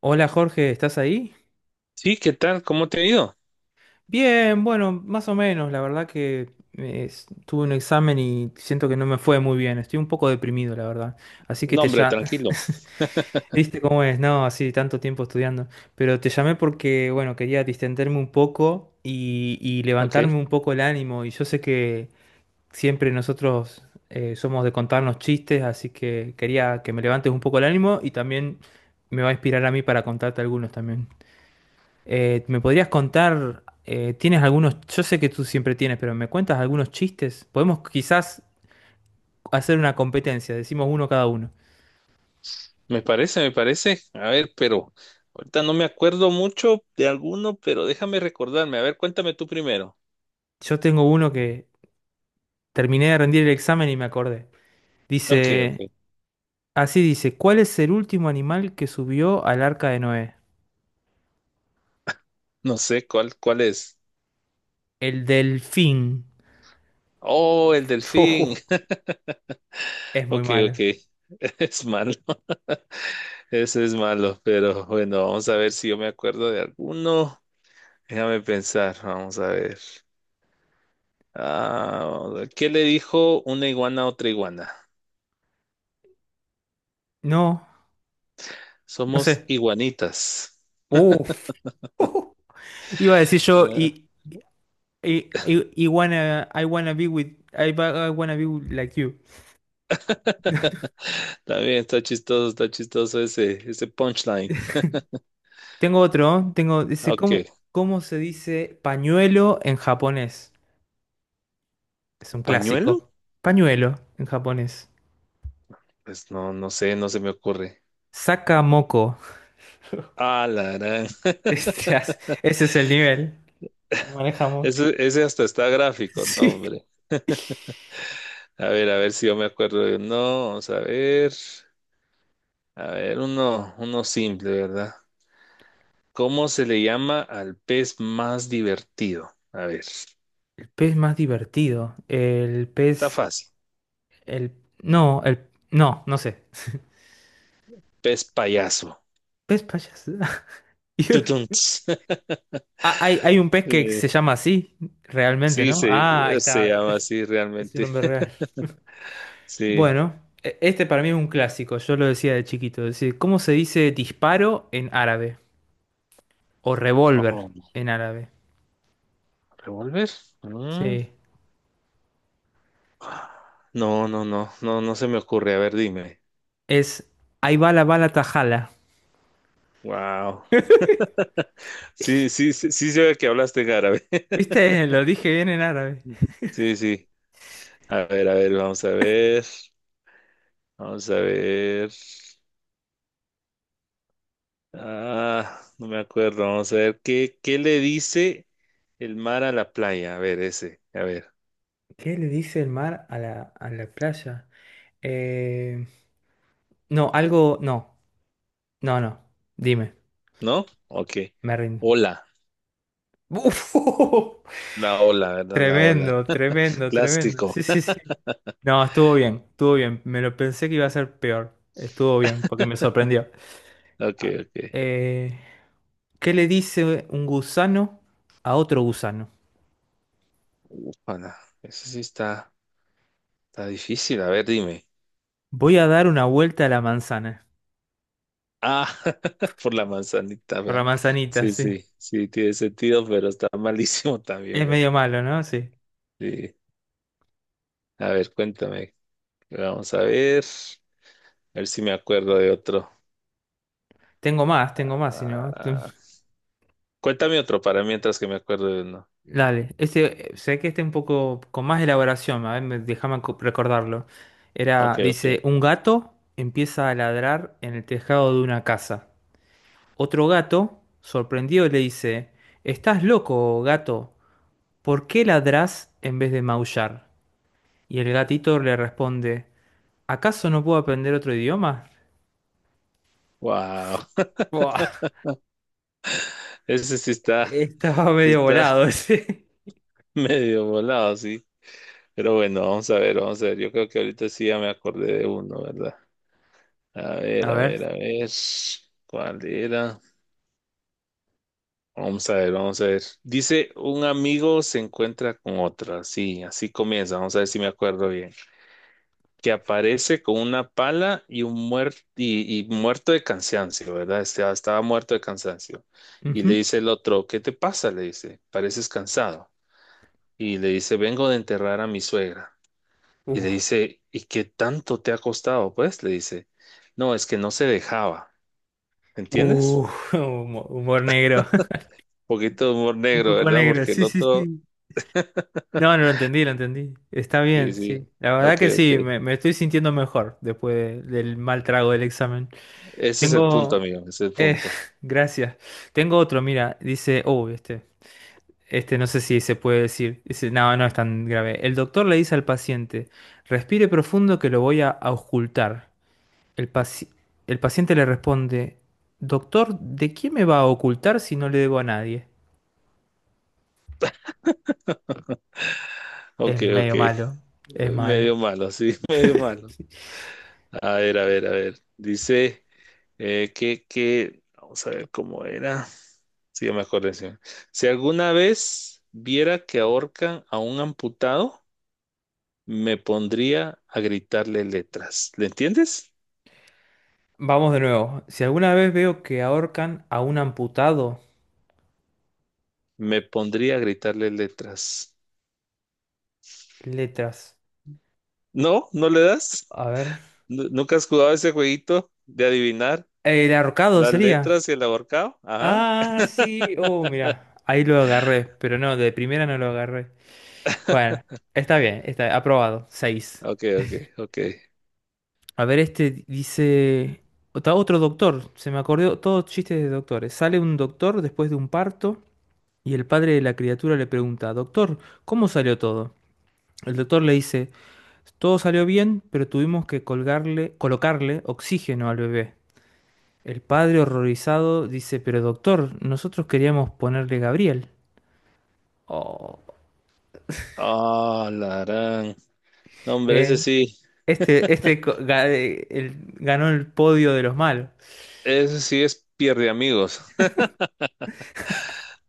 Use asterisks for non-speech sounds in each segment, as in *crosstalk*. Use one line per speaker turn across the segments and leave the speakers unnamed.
Hola Jorge, ¿estás ahí?
Sí, ¿qué tal? ¿Cómo te ha ido?
Bien, bueno, más o menos. La verdad que tuve un examen y siento que no me fue muy bien. Estoy un poco deprimido, la verdad. Así que
No,
te
hombre,
ya...
tranquilo.
*laughs* ¿Viste cómo es? No, así tanto tiempo estudiando. Pero te llamé porque, bueno, quería distenderme un poco y
Ok,
levantarme un poco el ánimo. Y yo sé que siempre nosotros somos de contarnos chistes, así que quería que me levantes un poco el ánimo y también me va a inspirar a mí para contarte algunos también. ¿Me podrías contar, tienes algunos, yo sé que tú siempre tienes, pero ¿me cuentas algunos chistes? Podemos quizás hacer una competencia, decimos uno cada uno.
me parece, me parece. A ver, pero ahorita no me acuerdo mucho de alguno, pero déjame recordarme. A ver, cuéntame tú primero.
Yo tengo uno que terminé de rendir el examen y me acordé.
Ok,
Dice,
ok.
así dice, ¿cuál es el último animal que subió al arca de Noé?
No sé cuál es.
El delfín.
Oh, el
*laughs*
delfín.
Ujú, es
*laughs*
muy
Ok, ok.
malo.
*laughs* Es malo. *laughs* Ese es malo, pero bueno, vamos a ver si yo me acuerdo de alguno. Déjame pensar, vamos a ver. Ah, ¿qué le dijo una iguana a otra iguana?
No, no
Somos
sé.
iguanitas.
Uf. *laughs* Iba a decir yo,
Ah,
I wanna, be with, I wanna be like you. *laughs*
está bien, está chistoso ese, ese punchline.
*laughs* Tengo otro, tengo,
Ah,
dice,
ok.
¿cómo se dice pañuelo en japonés? Es un
¿Pañuelo?
clásico. Pañuelo en japonés.
Pues no, no sé, no se me ocurre.
Sakamoko. *laughs*
Ah, la gran.
Ese es el nivel que manejamos. *laughs*
Ese hasta está gráfico, no,
Sí.
hombre. A ver si yo me acuerdo de uno. Vamos a ver. A ver, uno, uno simple, ¿verdad? ¿Cómo se le llama al pez más divertido? A ver,
El pez más divertido. El
está
pez.
fácil.
El. No, el. No, no sé.
Pez payaso.
Pez payaso.
Tutun,
*laughs*
ts. *laughs*
Ah, hay un pez que
Sí,
se llama así, realmente,
sí,
¿no?
se,
Ah, ahí
se
está.
llama
*laughs*
así
Es un
realmente.
nombre
*laughs*
real.
Sí.
Bueno, este para mí es un clásico, yo lo decía de chiquito. Es decir, ¿cómo se dice disparo en árabe? O revólver
Oh.
en árabe.
¿Revólver? Mm.
Sí.
No, no, no, no, no se me ocurre. A ver, dime.
Es ahí va la bala tajala.
Wow. *laughs* Sí, sí, sí, sí se ve que hablaste en árabe.
¿Viste? *laughs* Lo dije bien en árabe.
*laughs* Sí, sí. A ver, vamos a ver. Vamos a ver. Ah, no me acuerdo. Vamos a ver. ¿Qué le dice el mar a la playa? A ver, ese. A ver.
¿Qué le dice el mar a a la playa? Eh, no, algo. No, no, no. Dime,
¿No? Ok.
me rindo.
Hola.
Uf, *laughs*
La ola, ¿verdad? La ola.
Tremendo, tremendo, tremendo.
Clásico.
Sí, sí,
*laughs*
sí. No, estuvo bien, estuvo bien. Me lo pensé que iba a ser peor. Estuvo bien, porque me sorprendió.
Ok,
Ah,
ok.
eh, ¿qué le dice un gusano a otro gusano?
Ufala. Ese sí está, está difícil. A ver, dime.
Voy a dar una vuelta a la manzana.
Ah, *laughs* por la manzanita,
Por la
¿verdad?
manzanita,
Sí,
sí.
sí, sí, tiene sentido, pero está *laughs* malísimo también,
Es
¿verdad?
medio malo, ¿no? Sí.
Sí. A ver, cuéntame. Vamos a ver. A ver si me acuerdo de otro.
Tengo más, si no. tú-
Ah, cuéntame otro para mientras que me acuerdo de uno.
Dale. Este, sé que este un poco con más elaboración, a ver, déjame recordarlo. Era,
Ok, ok.
dice, un gato empieza a ladrar en el tejado de una casa. Otro gato, sorprendido, le dice, ¿estás loco, gato? ¿Por qué ladrás en vez de maullar? Y el gatito le responde, ¿acaso no puedo aprender otro idioma?
Wow. *laughs*
Buah,
Ese sí
*laughs*
está,
estaba medio
está
volado ese.
*laughs* medio volado, sí. Pero bueno, vamos a ver, vamos a ver. Yo creo que ahorita sí ya me acordé de uno, ¿verdad? A ver,
A
a
ver.
ver, a ver. ¿Cuál era? Vamos a ver, vamos a ver. Dice, un amigo se encuentra con otra. Sí, así comienza. Vamos a ver si me acuerdo bien. Que aparece con una pala y un muerto y muerto de cansancio, ¿verdad? Estaba, estaba muerto de cansancio. Y le
Ujú.
dice el otro, ¿qué te pasa? Le dice, pareces cansado. Y le dice, vengo de enterrar a mi suegra. Y
Uh,
le dice, ¿y qué tanto te ha costado? Pues le dice, no, es que no se dejaba.
uh,
¿Entiendes?
*laughs* humor negro. *laughs*
Un poquito de humor
Un
negro,
poco
¿verdad?
negro,
Porque el
sí, sí,
otro,
sí. No, no lo entendí, lo entendí. Está
sí,
bien, sí.
sí.
La
Ok,
verdad que sí,
ok.
me estoy sintiendo mejor después del mal trago del examen.
Ese es el punto,
Tengo...
amigo, ese es el
eh,
punto.
*laughs* gracias. Tengo otro, mira, dice... Oh, este. Este no sé si se puede decir. Dice, no, no es tan grave. El doctor le dice al paciente, respire profundo que lo voy a ocultar. El el paciente le responde, doctor, ¿de quién me va a ocultar si no le debo a nadie? Es
Ok, ok.
medio malo, es malo.
Medio malo, sí, *laughs* medio malo. A ver, a ver, a ver. Dice vamos a ver cómo era. Sí, ya me acordé. Sí. Si alguna vez viera que ahorcan a un amputado, me pondría a gritarle letras. ¿Le entiendes?
Vamos de nuevo. Si alguna vez veo que ahorcan a un amputado,
Me pondría a gritarle letras.
letras.
¿No? ¿No le das?
A ver.
¿Nunca has jugado ese jueguito de adivinar
El ahorcado
las
sería.
letras y el ahorcado? Ajá.
Ah, sí. Oh, mira. Ahí lo agarré, pero no, de primera no lo agarré. Bueno, está bien, está aprobado. Seis.
Ok, ok, ok.
A ver, este dice. Está otro doctor. Se me acordó todos chistes de doctores. Sale un doctor después de un parto y el padre de la criatura le pregunta, doctor, ¿cómo salió todo? El doctor le dice, todo salió bien, pero tuvimos que colocarle oxígeno al bebé. El padre horrorizado dice, pero doctor, nosotros queríamos ponerle Gabriel. Oh.
Ah, la gran. No, hombre,
Le- Este, este ganó el podio de los malos.
ese sí es pierde amigos. *laughs*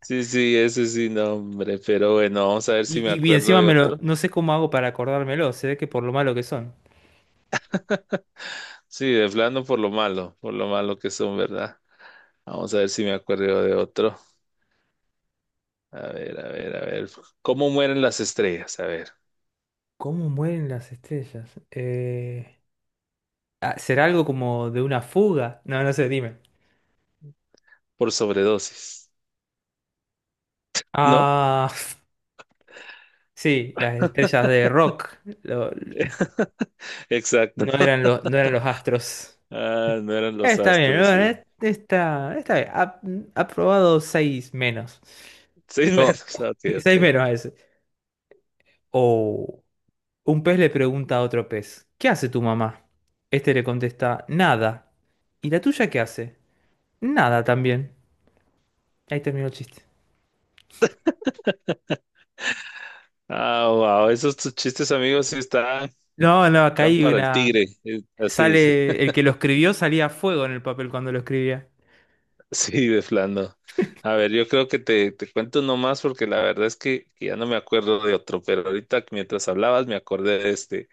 Sí, sí, ese sí, no, hombre, pero bueno, vamos a ver si
Y,
me
y bien,
acuerdo
encima
de
me lo,
otro.
no sé cómo hago para acordármelo, se ve que por lo malo que son.
Sí, de plano por lo malo que son, ¿verdad? Vamos a ver si me acuerdo de otro. A ver, a ver, a ver. ¿Cómo mueren las estrellas? A ver,
¿Cómo mueren las estrellas? ¿Será algo como de una fuga? No, no sé, dime.
por sobredosis. ¿No?
Ah, *laughs* sí, las estrellas de rock. lo-
*laughs* Exacto.
no eran los astros.
Ah, no eran los
Está bien,
astros,
bueno,
sí.
está bien. Ha probado seis menos.
6 *laughs*
No,
menos, ok,
*laughs*
ok.
seis menos a ese. Oh. Un pez le pregunta a otro pez, ¿qué hace tu mamá? Este le contesta, nada. ¿Y la tuya qué hace? Nada también. Ahí terminó el chiste.
Ah, wow, esos tus chistes, amigos, sí están.
No, no, acá
Están
hay
para el
una...
tigre, así dice,
Sale... El que lo escribió salía a fuego en el papel cuando lo escribía.
*laughs* sí, de flando. A ver, yo creo que te cuento nomás porque la verdad es que ya no me acuerdo de otro, pero ahorita mientras hablabas me acordé de este.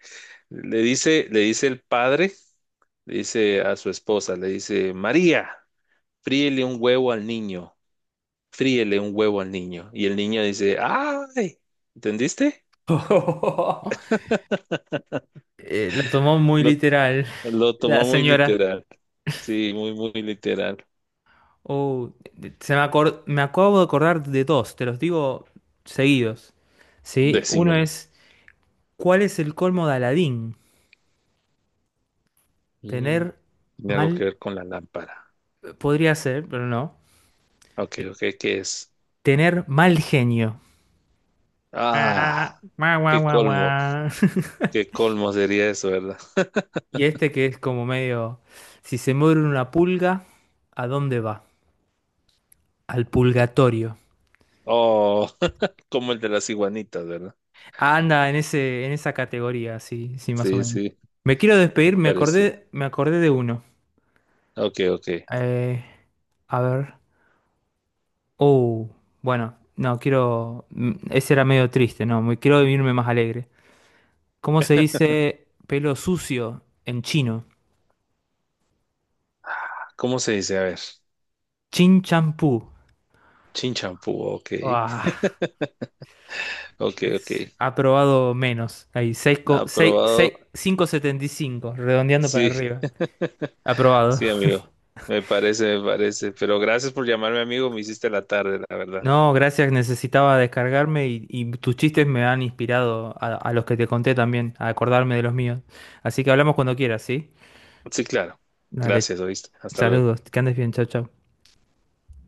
Le dice el padre, le dice a su esposa, le dice, María, fríele un huevo al niño, fríele un huevo al niño. Y el niño dice, ¡ay! ¿Entendiste?
*laughs* Lo tomó muy
Lo,
literal
lo
la
tomó muy
señora.
literal. Sí, muy, muy literal.
Oh, me acabo de acordar de dos, te los digo seguidos. ¿Sí? Uno
Decímelo.
es, ¿cuál es el colmo de Aladín?
Mm,
Tener
tiene algo que
mal
ver con la lámpara.
podría ser, pero no.
Ok, ok, ¿qué es?
Tener mal genio.
Ah,
Ah, guau, guau,
qué
guau,
colmo,
guau. *laughs*
qué colmo sería eso, ¿verdad?
Y este que es como medio, si se muere una pulga, ¿a dónde va? Al pulgatorio.
Oh, *laughs* como el de las iguanitas, ¿verdad?
Anda en ese, en esa categoría, sí, sí, más o
Sí,
menos.
sí,
Me quiero
me
despedir,
parece.
me acordé de uno.
Ok, ok.
Eh, a ver. Oh, bueno, no, quiero. Ese era medio triste, no, me quiero irme más alegre. ¿Cómo se
*laughs*
dice pelo sucio en chino?
¿Cómo se dice? A ver,
Chin champú.
chinchampú, ok,
Ah,
ok, ok.
aprobado menos. Ahí, 6,
Aprobado,
setenta y cinco redondeando para
sí,
arriba.
*laughs*
Aprobado.
sí, amigo, me parece, me parece. Pero gracias por llamarme, amigo, me hiciste la tarde, la verdad.
No, gracias, necesitaba descargarme y tus chistes me han inspirado a los que te conté también, a acordarme de los míos. Así que hablamos cuando quieras, ¿sí?
Sí, claro.
Dale,
Gracias, oíste. Hasta luego.
saludos, que andes bien, chao, chao.